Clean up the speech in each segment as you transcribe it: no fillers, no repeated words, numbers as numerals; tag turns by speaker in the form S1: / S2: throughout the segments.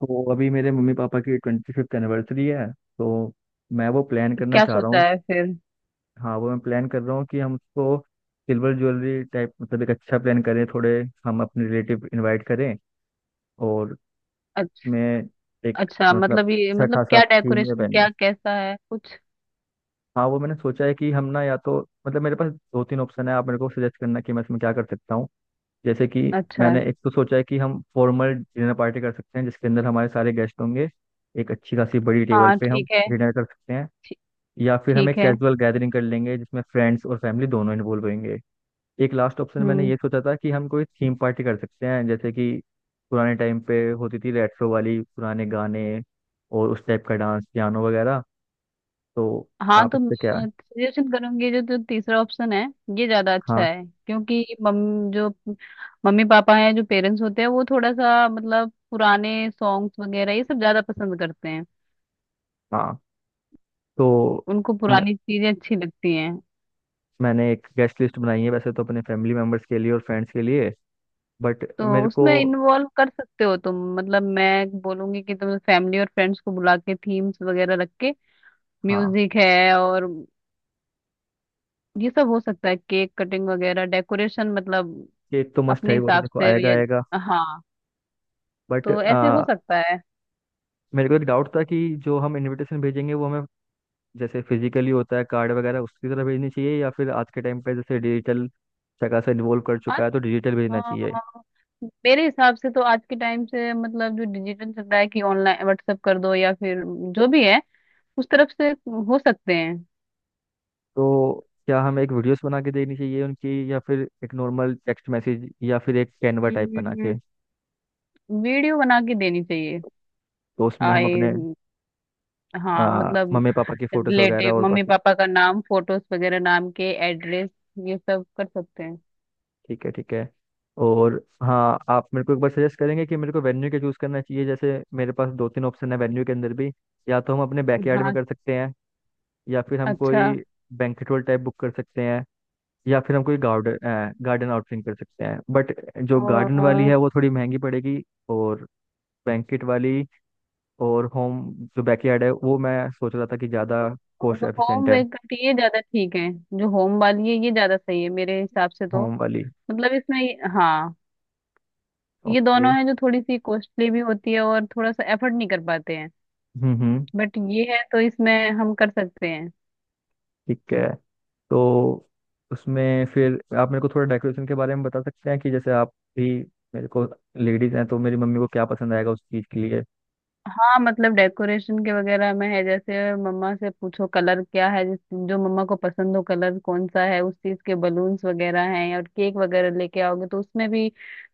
S1: तो अभी मेरे मम्मी पापा की 25th एनिवर्सरी है। तो मैं वो प्लान करना
S2: क्या
S1: चाह रहा
S2: सोचा
S1: हूँ।
S2: है फिर।
S1: हाँ, वो मैं प्लान कर रहा हूँ कि हम उसको सिल्वर ज्वेलरी टाइप मतलब एक अच्छा प्लान करें, थोड़े हम अपने रिलेटिव इनवाइट करें, और
S2: अच्छा।
S1: मैं एक
S2: अच्छा
S1: मतलब
S2: मतलब ये
S1: अच्छा
S2: मतलब
S1: खासा
S2: क्या
S1: थीम में
S2: डेकोरेशन
S1: पहने।
S2: क्या कैसा है कुछ।
S1: हाँ, वो मैंने सोचा है कि हम ना या तो मतलब मेरे पास दो तीन ऑप्शन है, आप मेरे को सजेस्ट करना कि मैं इसमें क्या कर सकता हूँ। जैसे कि
S2: अच्छा है।
S1: मैंने एक तो सोचा है कि हम फॉर्मल डिनर पार्टी कर सकते हैं जिसके अंदर हमारे सारे गेस्ट होंगे, एक अच्छी खासी बड़ी टेबल
S2: हाँ
S1: पे हम
S2: ठीक है।
S1: डिनर कर सकते हैं।
S2: ठी-
S1: या फिर हम
S2: ठीक
S1: एक
S2: है।
S1: कैजुअल गैदरिंग कर लेंगे जिसमें फ्रेंड्स और फैमिली दोनों इन्वॉल्व होंगे। एक लास्ट ऑप्शन मैंने
S2: हम्म।
S1: ये सोचा था कि हम कोई थीम पार्टी कर सकते हैं, जैसे कि पुराने टाइम पे होती थी रेट्रो वाली पुराने गाने, और उस टाइप का डांस पियानो वगैरह। तो
S2: हाँ
S1: आप
S2: तो
S1: इस
S2: मैं
S1: पे क्या?
S2: सजेशन करूंगी जो जो तीसरा ऑप्शन है। ये ज्यादा अच्छा
S1: हाँ,
S2: है क्योंकि मम जो मम्मी पापा हैं जो पेरेंट्स होते हैं वो थोड़ा सा मतलब पुराने सॉन्ग्स वगैरह ये सब ज्यादा पसंद करते हैं।
S1: हाँ, तो
S2: उनको
S1: मैं,
S2: पुरानी चीजें अच्छी लगती हैं।
S1: मैंने एक गेस्ट लिस्ट बनाई है वैसे तो अपने फैमिली मेम्बर्स के लिए और फ्रेंड्स के लिए, बट
S2: तो
S1: मेरे को।
S2: उसमें इन्वॉल्व कर सकते हो तुम, मतलब मैं बोलूंगी कि तुम फैमिली और फ्रेंड्स को बुला के थीम्स वगैरह रख के
S1: हाँ,
S2: म्यूजिक है और ये सब हो सकता है, केक कटिंग वगैरह डेकोरेशन मतलब
S1: केक तो मस्ट है
S2: अपने
S1: ही, वो तो
S2: हिसाब
S1: देखो
S2: से
S1: आएगा
S2: ये,
S1: आएगा।
S2: हाँ
S1: बट
S2: तो ऐसे हो सकता है।
S1: मेरे को एक डाउट था कि जो हम इनविटेशन भेजेंगे वो हमें जैसे फिजिकली होता है कार्ड वगैरह उसकी तरह भेजनी चाहिए, या फिर आज के टाइम पे जैसे डिजिटल जगह से इन्वॉल्व कर
S2: आज
S1: चुका है तो डिजिटल
S2: अ,
S1: भेजना चाहिए।
S2: मेरे हिसाब से तो आज के टाइम से मतलब जो डिजिटल चल रहा है कि ऑनलाइन व्हाट्सएप कर दो या फिर जो भी है उस तरफ से हो सकते हैं।
S1: तो क्या हमें एक वीडियोस बना के देनी चाहिए उनकी, या फिर एक नॉर्मल टेक्स्ट मैसेज, या फिर एक कैनवा टाइप बना के?
S2: हम्म, वीडियो बना के देनी चाहिए।
S1: तो उसमें हम
S2: आए,
S1: अपने
S2: हाँ मतलब
S1: मम्मी पापा की फोटोज वगैरह
S2: रिलेटिव
S1: और
S2: मम्मी
S1: बाकी।
S2: पापा का नाम फोटोज वगैरह नाम के एड्रेस ये सब कर सकते हैं।
S1: ठीक है, ठीक है। और हाँ, आप मेरे को एक बार सजेस्ट करेंगे कि मेरे को वेन्यू क्या चूज़ करना चाहिए? जैसे मेरे पास दो तीन ऑप्शन है वेन्यू के अंदर भी। या तो हम अपने बैकयार्ड में
S2: हाँ।
S1: कर सकते हैं, या फिर हम
S2: अच्छा।
S1: कोई बैंक्वेट हॉल टाइप बुक कर सकते हैं, या फिर हम कोई गार्डन गार्डन आउटफिटिंग कर सकते हैं, बट जो गार्डन वाली
S2: और
S1: है वो थोड़ी महंगी पड़ेगी। और बैंकेट वाली, और होम, जो बैकयार्ड है वो मैं सोच रहा था कि ज़्यादा
S2: जो
S1: कॉस्ट
S2: होम
S1: एफिशिएंट है।
S2: मेक करती है ये ज्यादा ठीक है। जो होम वाली है ये ज्यादा सही है मेरे हिसाब से तो।
S1: होम वाली।
S2: मतलब इसमें हाँ, ये
S1: ओके।
S2: दोनों है जो थोड़ी सी कॉस्टली भी होती है और थोड़ा सा एफर्ट नहीं कर पाते हैं।
S1: हम्म, हम्म।
S2: बट ये है तो इसमें हम कर सकते हैं।
S1: ठीक है। तो उसमें फिर आप मेरे को थोड़ा डेकोरेशन के बारे में बता सकते हैं कि जैसे आप भी मेरे को, लेडीज़ हैं तो मेरी मम्मी को क्या पसंद आएगा उस चीज़ के लिए।
S2: हाँ मतलब डेकोरेशन के वगैरह में है जैसे मम्मा से पूछो कलर क्या है, जिस जो मम्मा को पसंद हो कलर कौन सा है उस चीज के बलून्स वगैरह हैं। और केक वगैरह लेके आओगे तो उसमें भी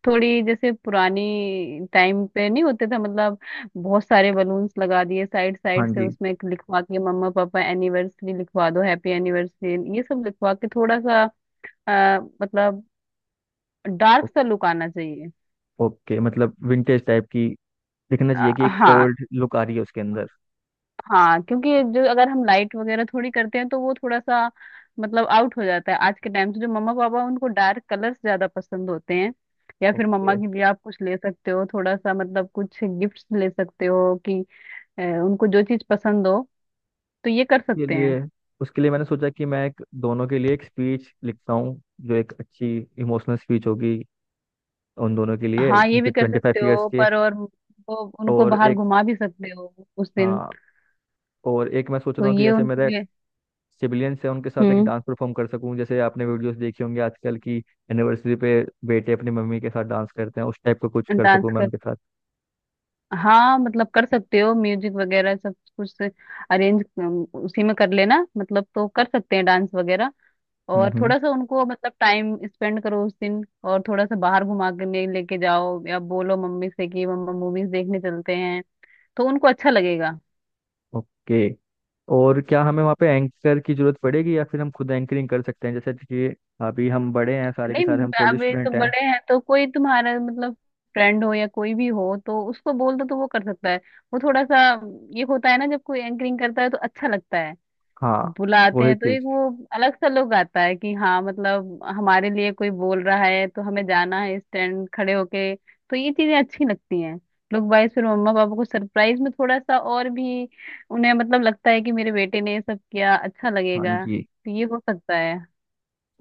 S2: थोड़ी जैसे पुरानी टाइम पे नहीं होते थे, मतलब बहुत सारे बलून्स लगा दिए साइड
S1: हाँ
S2: साइड से,
S1: जी।
S2: उसमें एक लिखवा के मम्मा पापा एनिवर्सरी लिखवा दो, हैप्पी एनिवर्सरी ये सब लिखवा के थोड़ा सा अ, मतलब डार्क
S1: ओ-
S2: सा लुक आना चाहिए।
S1: ओके, मतलब विंटेज टाइप की दिखना चाहिए, कि एक
S2: हाँ।
S1: ओल्ड लुक आ रही है उसके अंदर।
S2: हाँ क्योंकि जो अगर हम लाइट वगैरह थोड़ी करते हैं तो वो थोड़ा सा मतलब आउट हो जाता है आज के टाइम से। जो मम्मा पापा उनको डार्क कलर्स ज्यादा पसंद होते हैं। या फिर
S1: ओके।
S2: मम्मा के लिए आप कुछ ले सकते हो, थोड़ा सा मतलब कुछ गिफ्ट्स ले सकते हो कि उनको जो चीज पसंद हो, तो ये कर
S1: के
S2: सकते हैं।
S1: लिए उसके लिए मैंने सोचा कि मैं एक, दोनों के लिए एक स्पीच लिखता हूँ, जो एक अच्छी इमोशनल स्पीच होगी उन दोनों के लिए,
S2: हाँ ये
S1: उनके
S2: भी कर
S1: ट्वेंटी
S2: सकते
S1: फाइव ईयर्स
S2: हो
S1: के।
S2: पर, और वो उनको
S1: और
S2: बाहर
S1: एक,
S2: घुमा भी सकते हो उस दिन।
S1: हाँ, और एक मैं सोच
S2: तो
S1: रहा हूँ कि
S2: ये
S1: जैसे
S2: उनके
S1: मेरे
S2: लिए।
S1: सिबिलियंस हैं, उनके साथ एक
S2: हम्म।
S1: डांस परफॉर्म कर सकूँ, जैसे आपने वीडियोस देखे होंगे आजकल की एनिवर्सरी पे बेटे अपनी मम्मी के साथ डांस करते हैं, उस टाइप का कुछ कर
S2: डांस,
S1: सकूँ मैं उनके साथ।
S2: हाँ मतलब कर सकते हो, म्यूजिक वगैरह सब कुछ अरेंज उसी में कर लेना, मतलब तो कर सकते हैं डांस वगैरह।
S1: हम्म,
S2: और
S1: हम्म।
S2: थोड़ा सा उनको मतलब टाइम स्पेंड करो उस दिन, और थोड़ा सा बाहर घुमा के लेके जाओ, या बोलो मम्मी से कि मम्मा मूवीज देखने चलते हैं, तो उनको अच्छा लगेगा।
S1: ओके। और क्या हमें वहाँ पे एंकर की जरूरत पड़ेगी या फिर हम खुद एंकरिंग कर सकते हैं? जैसे कि अभी हम बड़े हैं सारे के
S2: नहीं
S1: सारे, हम कॉलेज
S2: अब ये तो
S1: स्टूडेंट हैं।
S2: बड़े हैं तो कोई तुम्हारा मतलब फ्रेंड हो या कोई भी हो तो उसको बोल दो तो वो कर सकता है। वो थोड़ा सा ये होता है ना, जब कोई एंकरिंग करता है तो अच्छा लगता है।
S1: हाँ,
S2: बुलाते
S1: वही
S2: हैं तो एक
S1: चीज।
S2: वो अलग सा लोग आता है कि हाँ मतलब हमारे लिए कोई बोल रहा है तो हमें जाना है स्टैंड खड़े होके, तो ये चीजें अच्छी लगती हैं। लोग वाइस फिर मम्मा पापा को सरप्राइज में थोड़ा सा और भी उन्हें मतलब लगता है कि मेरे बेटे ने ये सब किया, अच्छा
S1: हाँ
S2: लगेगा,
S1: जी,
S2: तो ये हो सकता है।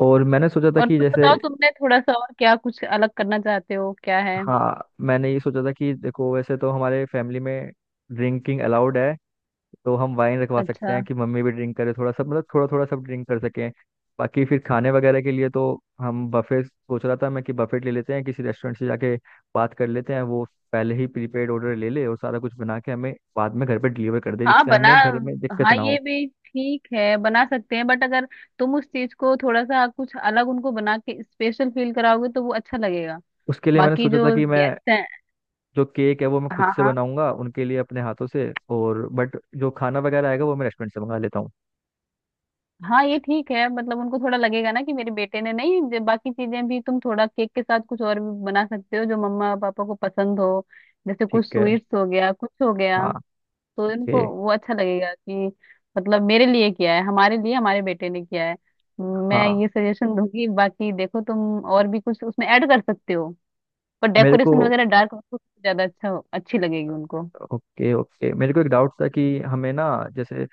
S1: और मैंने सोचा था
S2: और
S1: कि
S2: तुम
S1: जैसे,
S2: बताओ तुमने थोड़ा सा और क्या कुछ अलग करना चाहते हो क्या है।
S1: हाँ, मैंने ये सोचा था कि देखो वैसे तो हमारे फैमिली में ड्रिंकिंग अलाउड है, तो हम वाइन रखवा सकते
S2: अच्छा।
S1: हैं कि मम्मी भी ड्रिंक करे थोड़ा सा मतलब, थोड़ा थोड़ा सब ड्रिंक कर सकें। बाकी फिर खाने वगैरह के लिए तो हम बफे सोच रहा था मैं, कि बफेट ले लेते हैं किसी रेस्टोरेंट से, जाके बात कर लेते हैं, वो पहले ही प्रीपेड ऑर्डर ले ले और सारा कुछ बना के हमें बाद में घर पे डिलीवर कर दे,
S2: हाँ
S1: जिससे
S2: बना,
S1: हमें घर में दिक्कत
S2: हाँ
S1: ना
S2: ये
S1: हो।
S2: भी ठीक है बना सकते हैं। बट अगर तुम उस चीज को थोड़ा सा कुछ अलग उनको बना के स्पेशल फील कराओगे तो वो अच्छा लगेगा।
S1: उसके लिए मैंने
S2: बाकी
S1: सोचा
S2: जो
S1: था कि मैं
S2: गेस्ट हैं।
S1: जो केक है वो मैं खुद
S2: हाँ
S1: से
S2: हाँ।
S1: बनाऊंगा उनके लिए अपने हाथों से, और बट जो खाना वगैरह आएगा वो मैं रेस्टोरेंट से मंगा लेता हूँ।
S2: हाँ ये ठीक है मतलब उनको थोड़ा लगेगा ना कि मेरे बेटे ने, नहीं जो बाकी चीजें भी तुम थोड़ा केक के साथ कुछ और भी बना सकते हो जो मम्मा पापा को पसंद हो, जैसे कुछ
S1: ठीक है।
S2: स्वीट्स हो गया, कुछ हो गया।
S1: हाँ।
S2: तो इनको
S1: ओके।
S2: वो अच्छा लगेगा कि मतलब मेरे लिए किया है, हमारे लिए हमारे बेटे ने किया है। मैं
S1: हाँ,
S2: ये सजेशन दूंगी, बाकी देखो तुम और भी कुछ उसमें ऐड कर सकते हो। पर
S1: मेरे को
S2: डेकोरेशन वगैरह डार्क ज्यादा अच्छा हो, अच्छी लगेगी उनको।
S1: ओके, ओके, मेरे को एक डाउट था कि हमें ना, जैसे,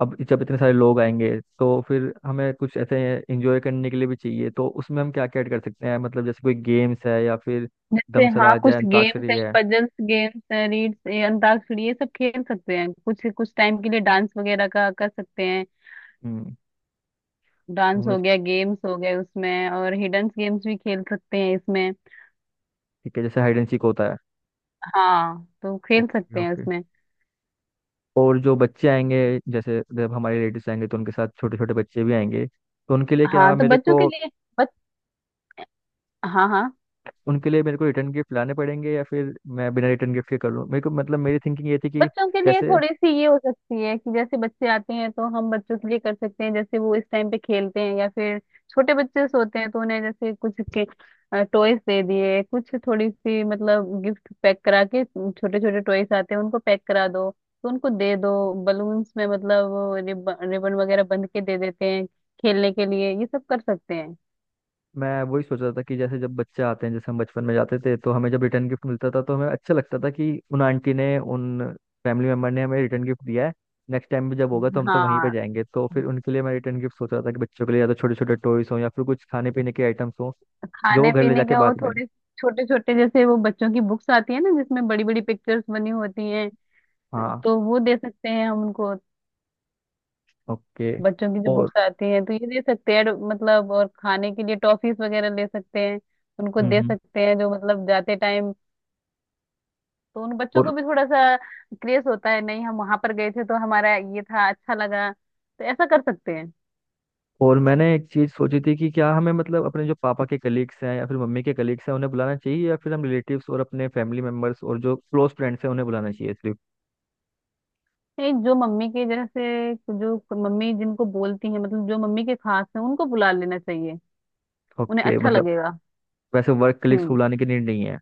S1: अब जब इतने सारे लोग आएंगे, तो फिर हमें कुछ ऐसे एंजॉय करने के लिए भी चाहिए, तो उसमें हम क्या क्या ऐड कर सकते हैं, मतलब जैसे कोई गेम्स है या फिर
S2: जैसे हाँ
S1: दमसलाज है,
S2: कुछ गेम्स
S1: अंताक्षरी
S2: हैं,
S1: है।
S2: पजल्स गेम्स हैं, रीड्स, ये अंताक्षरी, ये सब खेल सकते हैं कुछ कुछ टाइम के लिए। डांस वगैरह का कर सकते हैं,
S1: हम्म। तो
S2: डांस
S1: हमें,
S2: हो गया, गेम्स हो गए उसमें, और हिडन गेम्स भी खेल सकते हैं इसमें।
S1: ठीक है, जैसे हाइड एंड सीक होता है।
S2: हाँ तो खेल सकते हैं
S1: ओके।
S2: उसमें।
S1: और जो बच्चे आएंगे, जैसे जब हमारे रिलेटिव्स आएंगे तो उनके साथ छोटे छोटे बच्चे भी आएंगे, तो उनके लिए क्या
S2: हाँ तो
S1: मेरे
S2: बच्चों के
S1: को,
S2: लिए, हाँ हाँ,
S1: उनके लिए मेरे को रिटर्न गिफ्ट लाने पड़ेंगे या फिर मैं बिना रिटर्न गिफ्ट के कर लूँ? मेरे को मतलब मेरी थिंकिंग ये थी कि,
S2: बच्चों के लिए
S1: जैसे,
S2: थोड़ी सी ये हो सकती है कि जैसे बच्चे आते हैं तो हम बच्चों के लिए कर सकते हैं, जैसे वो इस टाइम पे खेलते हैं या फिर छोटे बच्चे सोते हैं तो उन्हें जैसे कुछ के टॉयज दे दिए, कुछ थोड़ी सी मतलब गिफ्ट पैक करा के, छोटे छोटे टॉयज आते हैं उनको पैक करा दो, तो उनको दे दो। बलून्स में मतलब रिबन रिबन वगैरह बंध के दे देते हैं खेलने के लिए, ये सब कर सकते हैं।
S1: मैं वही सोच रहा था कि जैसे जब बच्चे आते हैं, जैसे हम बचपन में जाते थे तो हमें जब रिटर्न गिफ्ट मिलता था तो हमें अच्छा लगता था कि उन आंटी ने, उन फैमिली मेम्बर ने हमें रिटर्न गिफ्ट दिया है। नेक्स्ट टाइम भी जब होगा तो हम तो वहीं पे
S2: हाँ
S1: जाएंगे। तो फिर उनके लिए मैं रिटर्न गिफ्ट सोच रहा था कि बच्चों के लिए या तो छोटे छोटे टॉयस हों या फिर कुछ खाने पीने के आइटम्स हों जो वो
S2: खाने
S1: घर ले
S2: पीने
S1: जाके
S2: का वो
S1: बाद में।
S2: थोड़े छोटे छोटे, जैसे वो बच्चों की बुक्स आती है ना जिसमें बड़ी बड़ी पिक्चर्स बनी होती हैं,
S1: हाँ।
S2: तो वो दे सकते हैं हम उनको।
S1: ओके।
S2: बच्चों की जो
S1: और
S2: बुक्स आती हैं तो ये दे सकते हैं। मतलब और खाने के लिए टॉफीज वगैरह ले सकते हैं, उनको
S1: हम्म,
S2: दे सकते हैं जो मतलब जाते टाइम। तो उन बच्चों
S1: और
S2: को भी थोड़ा सा क्रेज होता है, नहीं हम वहां पर गए थे तो हमारा ये था अच्छा लगा, तो ऐसा कर सकते हैं।
S1: और मैंने एक चीज सोची थी कि क्या हमें मतलब अपने जो पापा के कलीग्स हैं या फिर मम्मी के कलीग्स हैं उन्हें बुलाना चाहिए, या फिर हम रिलेटिव्स और अपने फैमिली मेंबर्स और जो क्लोज फ्रेंड्स हैं उन्हें बुलाना चाहिए सिर्फ?
S2: नहीं जो मम्मी के जैसे जो मम्मी जिनको बोलती हैं, मतलब जो मम्मी के खास हैं उनको बुला लेना चाहिए। उन्हें
S1: ओके,
S2: अच्छा
S1: मतलब
S2: लगेगा।
S1: वैसे वर्क कलीग्स को
S2: हम्म।
S1: बुलाने की नीड नहीं है।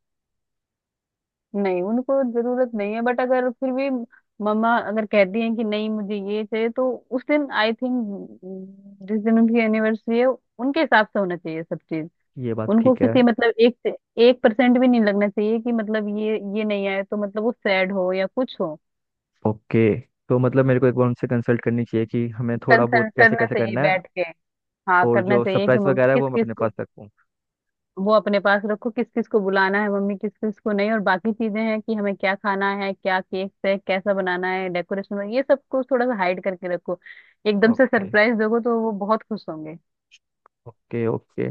S2: नहीं उनको जरूरत नहीं है, बट अगर फिर भी मम्मा अगर कहती हैं कि नहीं मुझे ये चाहिए, तो उस दिन आई थिंक जिस दिन उनकी एनिवर्सरी है उनके हिसाब से होना चाहिए सब चीज।
S1: ये बात
S2: उनको
S1: ठीक है।
S2: किसी मतलब एक से एक परसेंट भी नहीं लगना चाहिए कि मतलब ये नहीं आया तो मतलब वो सैड हो या कुछ हो।
S1: ओके, तो मतलब मेरे को एक बार उनसे कंसल्ट करनी चाहिए कि हमें थोड़ा बहुत
S2: कंसल्ट
S1: कैसे
S2: करना
S1: कैसे
S2: चाहिए
S1: करना है,
S2: बैठ के। हाँ
S1: और
S2: करना
S1: जो
S2: चाहिए कि
S1: सरप्राइज
S2: मम्मी
S1: वगैरह है वो
S2: किस
S1: मैं
S2: किस
S1: अपने
S2: को,
S1: पास रखूँ।
S2: वो अपने पास रखो किस किस को बुलाना है मम्मी, किस किस को नहीं। और बाकी चीजें हैं कि हमें क्या खाना है, क्या केक है, कैसा बनाना है, डेकोरेशन ये सब को थोड़ा सा हाइड करके रखो। एकदम से
S1: ओके,
S2: सरप्राइज दोगे तो वो बहुत खुश होंगे।
S1: Okay, okay.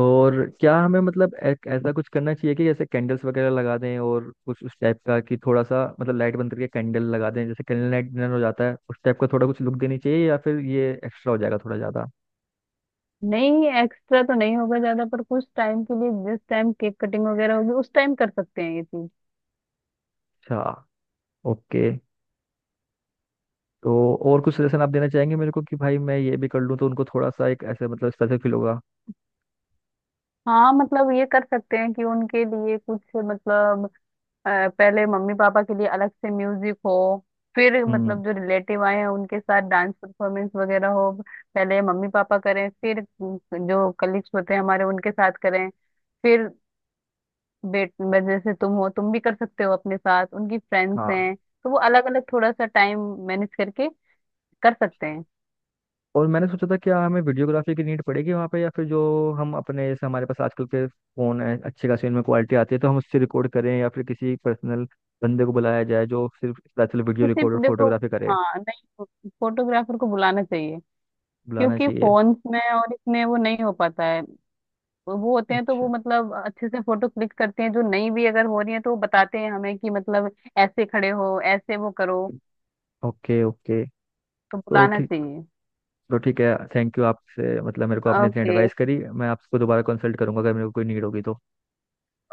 S1: और क्या हमें मतलब एक ऐसा कुछ करना चाहिए कि जैसे कैंडल्स वगैरह लगा दें, और कुछ उस टाइप का कि थोड़ा सा मतलब लाइट बंद करके कैंडल लगा दें, जैसे कैंडल लाइट डिनर हो जाता है उस टाइप का थोड़ा कुछ लुक देनी चाहिए, या फिर ये एक्स्ट्रा हो जाएगा थोड़ा ज़्यादा?
S2: नहीं एक्स्ट्रा तो नहीं होगा ज्यादा, पर कुछ टाइम के लिए जिस टाइम केक कटिंग वगैरह होगी उस टाइम कर सकते हैं ये चीज।
S1: अच्छा। ओके। तो और कुछ सजेशन आप देना चाहेंगे मेरे को कि भाई मैं ये भी कर लूँ तो उनको थोड़ा सा एक ऐसे मतलब स्पेशल फील होगा?
S2: हाँ मतलब ये कर सकते हैं कि उनके लिए कुछ मतलब अ, पहले मम्मी पापा के लिए अलग से म्यूजिक हो, फिर
S1: हम्म।
S2: मतलब जो रिलेटिव आए हैं उनके साथ डांस परफॉर्मेंस वगैरह हो। पहले मम्मी पापा करें, फिर जो कलीग्स होते हैं हमारे उनके साथ करें, फिर बेट जैसे तुम हो तुम भी कर सकते हो अपने साथ, उनकी फ्रेंड्स
S1: हाँ,
S2: हैं, तो वो अलग अलग थोड़ा सा टाइम मैनेज करके कर सकते हैं।
S1: और मैंने सोचा था क्या हमें वीडियोग्राफी की नीड पड़ेगी वहाँ पे, या फिर जो हम अपने जैसे हमारे पास आजकल के फ़ोन है अच्छे खासी उनमें क्वालिटी आती है तो हम उससे रिकॉर्ड करें, या फिर किसी पर्सनल बंदे को बुलाया जाए जो सिर्फ दरअसल वीडियो
S2: किसी
S1: रिकॉर्ड और
S2: देखो,
S1: फोटोग्राफी करे?
S2: हाँ नहीं फोटोग्राफर को बुलाना चाहिए,
S1: बुलाना
S2: क्योंकि
S1: चाहिए।
S2: फोन्स में और इसमें वो नहीं हो पाता है। वो होते हैं तो
S1: अच्छा।
S2: वो मतलब अच्छे से फोटो क्लिक करते हैं, जो नहीं भी अगर हो रही है तो वो बताते हैं हमें कि मतलब ऐसे खड़े हो ऐसे वो करो,
S1: ओके, ओके।
S2: तो
S1: तो
S2: बुलाना
S1: ठीक,
S2: चाहिए।
S1: तो ठीक है। थैंक यू आपसे, मतलब मेरे को आपने इतनी
S2: ओके
S1: एडवाइस करी। मैं आपको दोबारा कंसल्ट करूंगा अगर मेरे को कोई नीड होगी तो।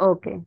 S2: ओके।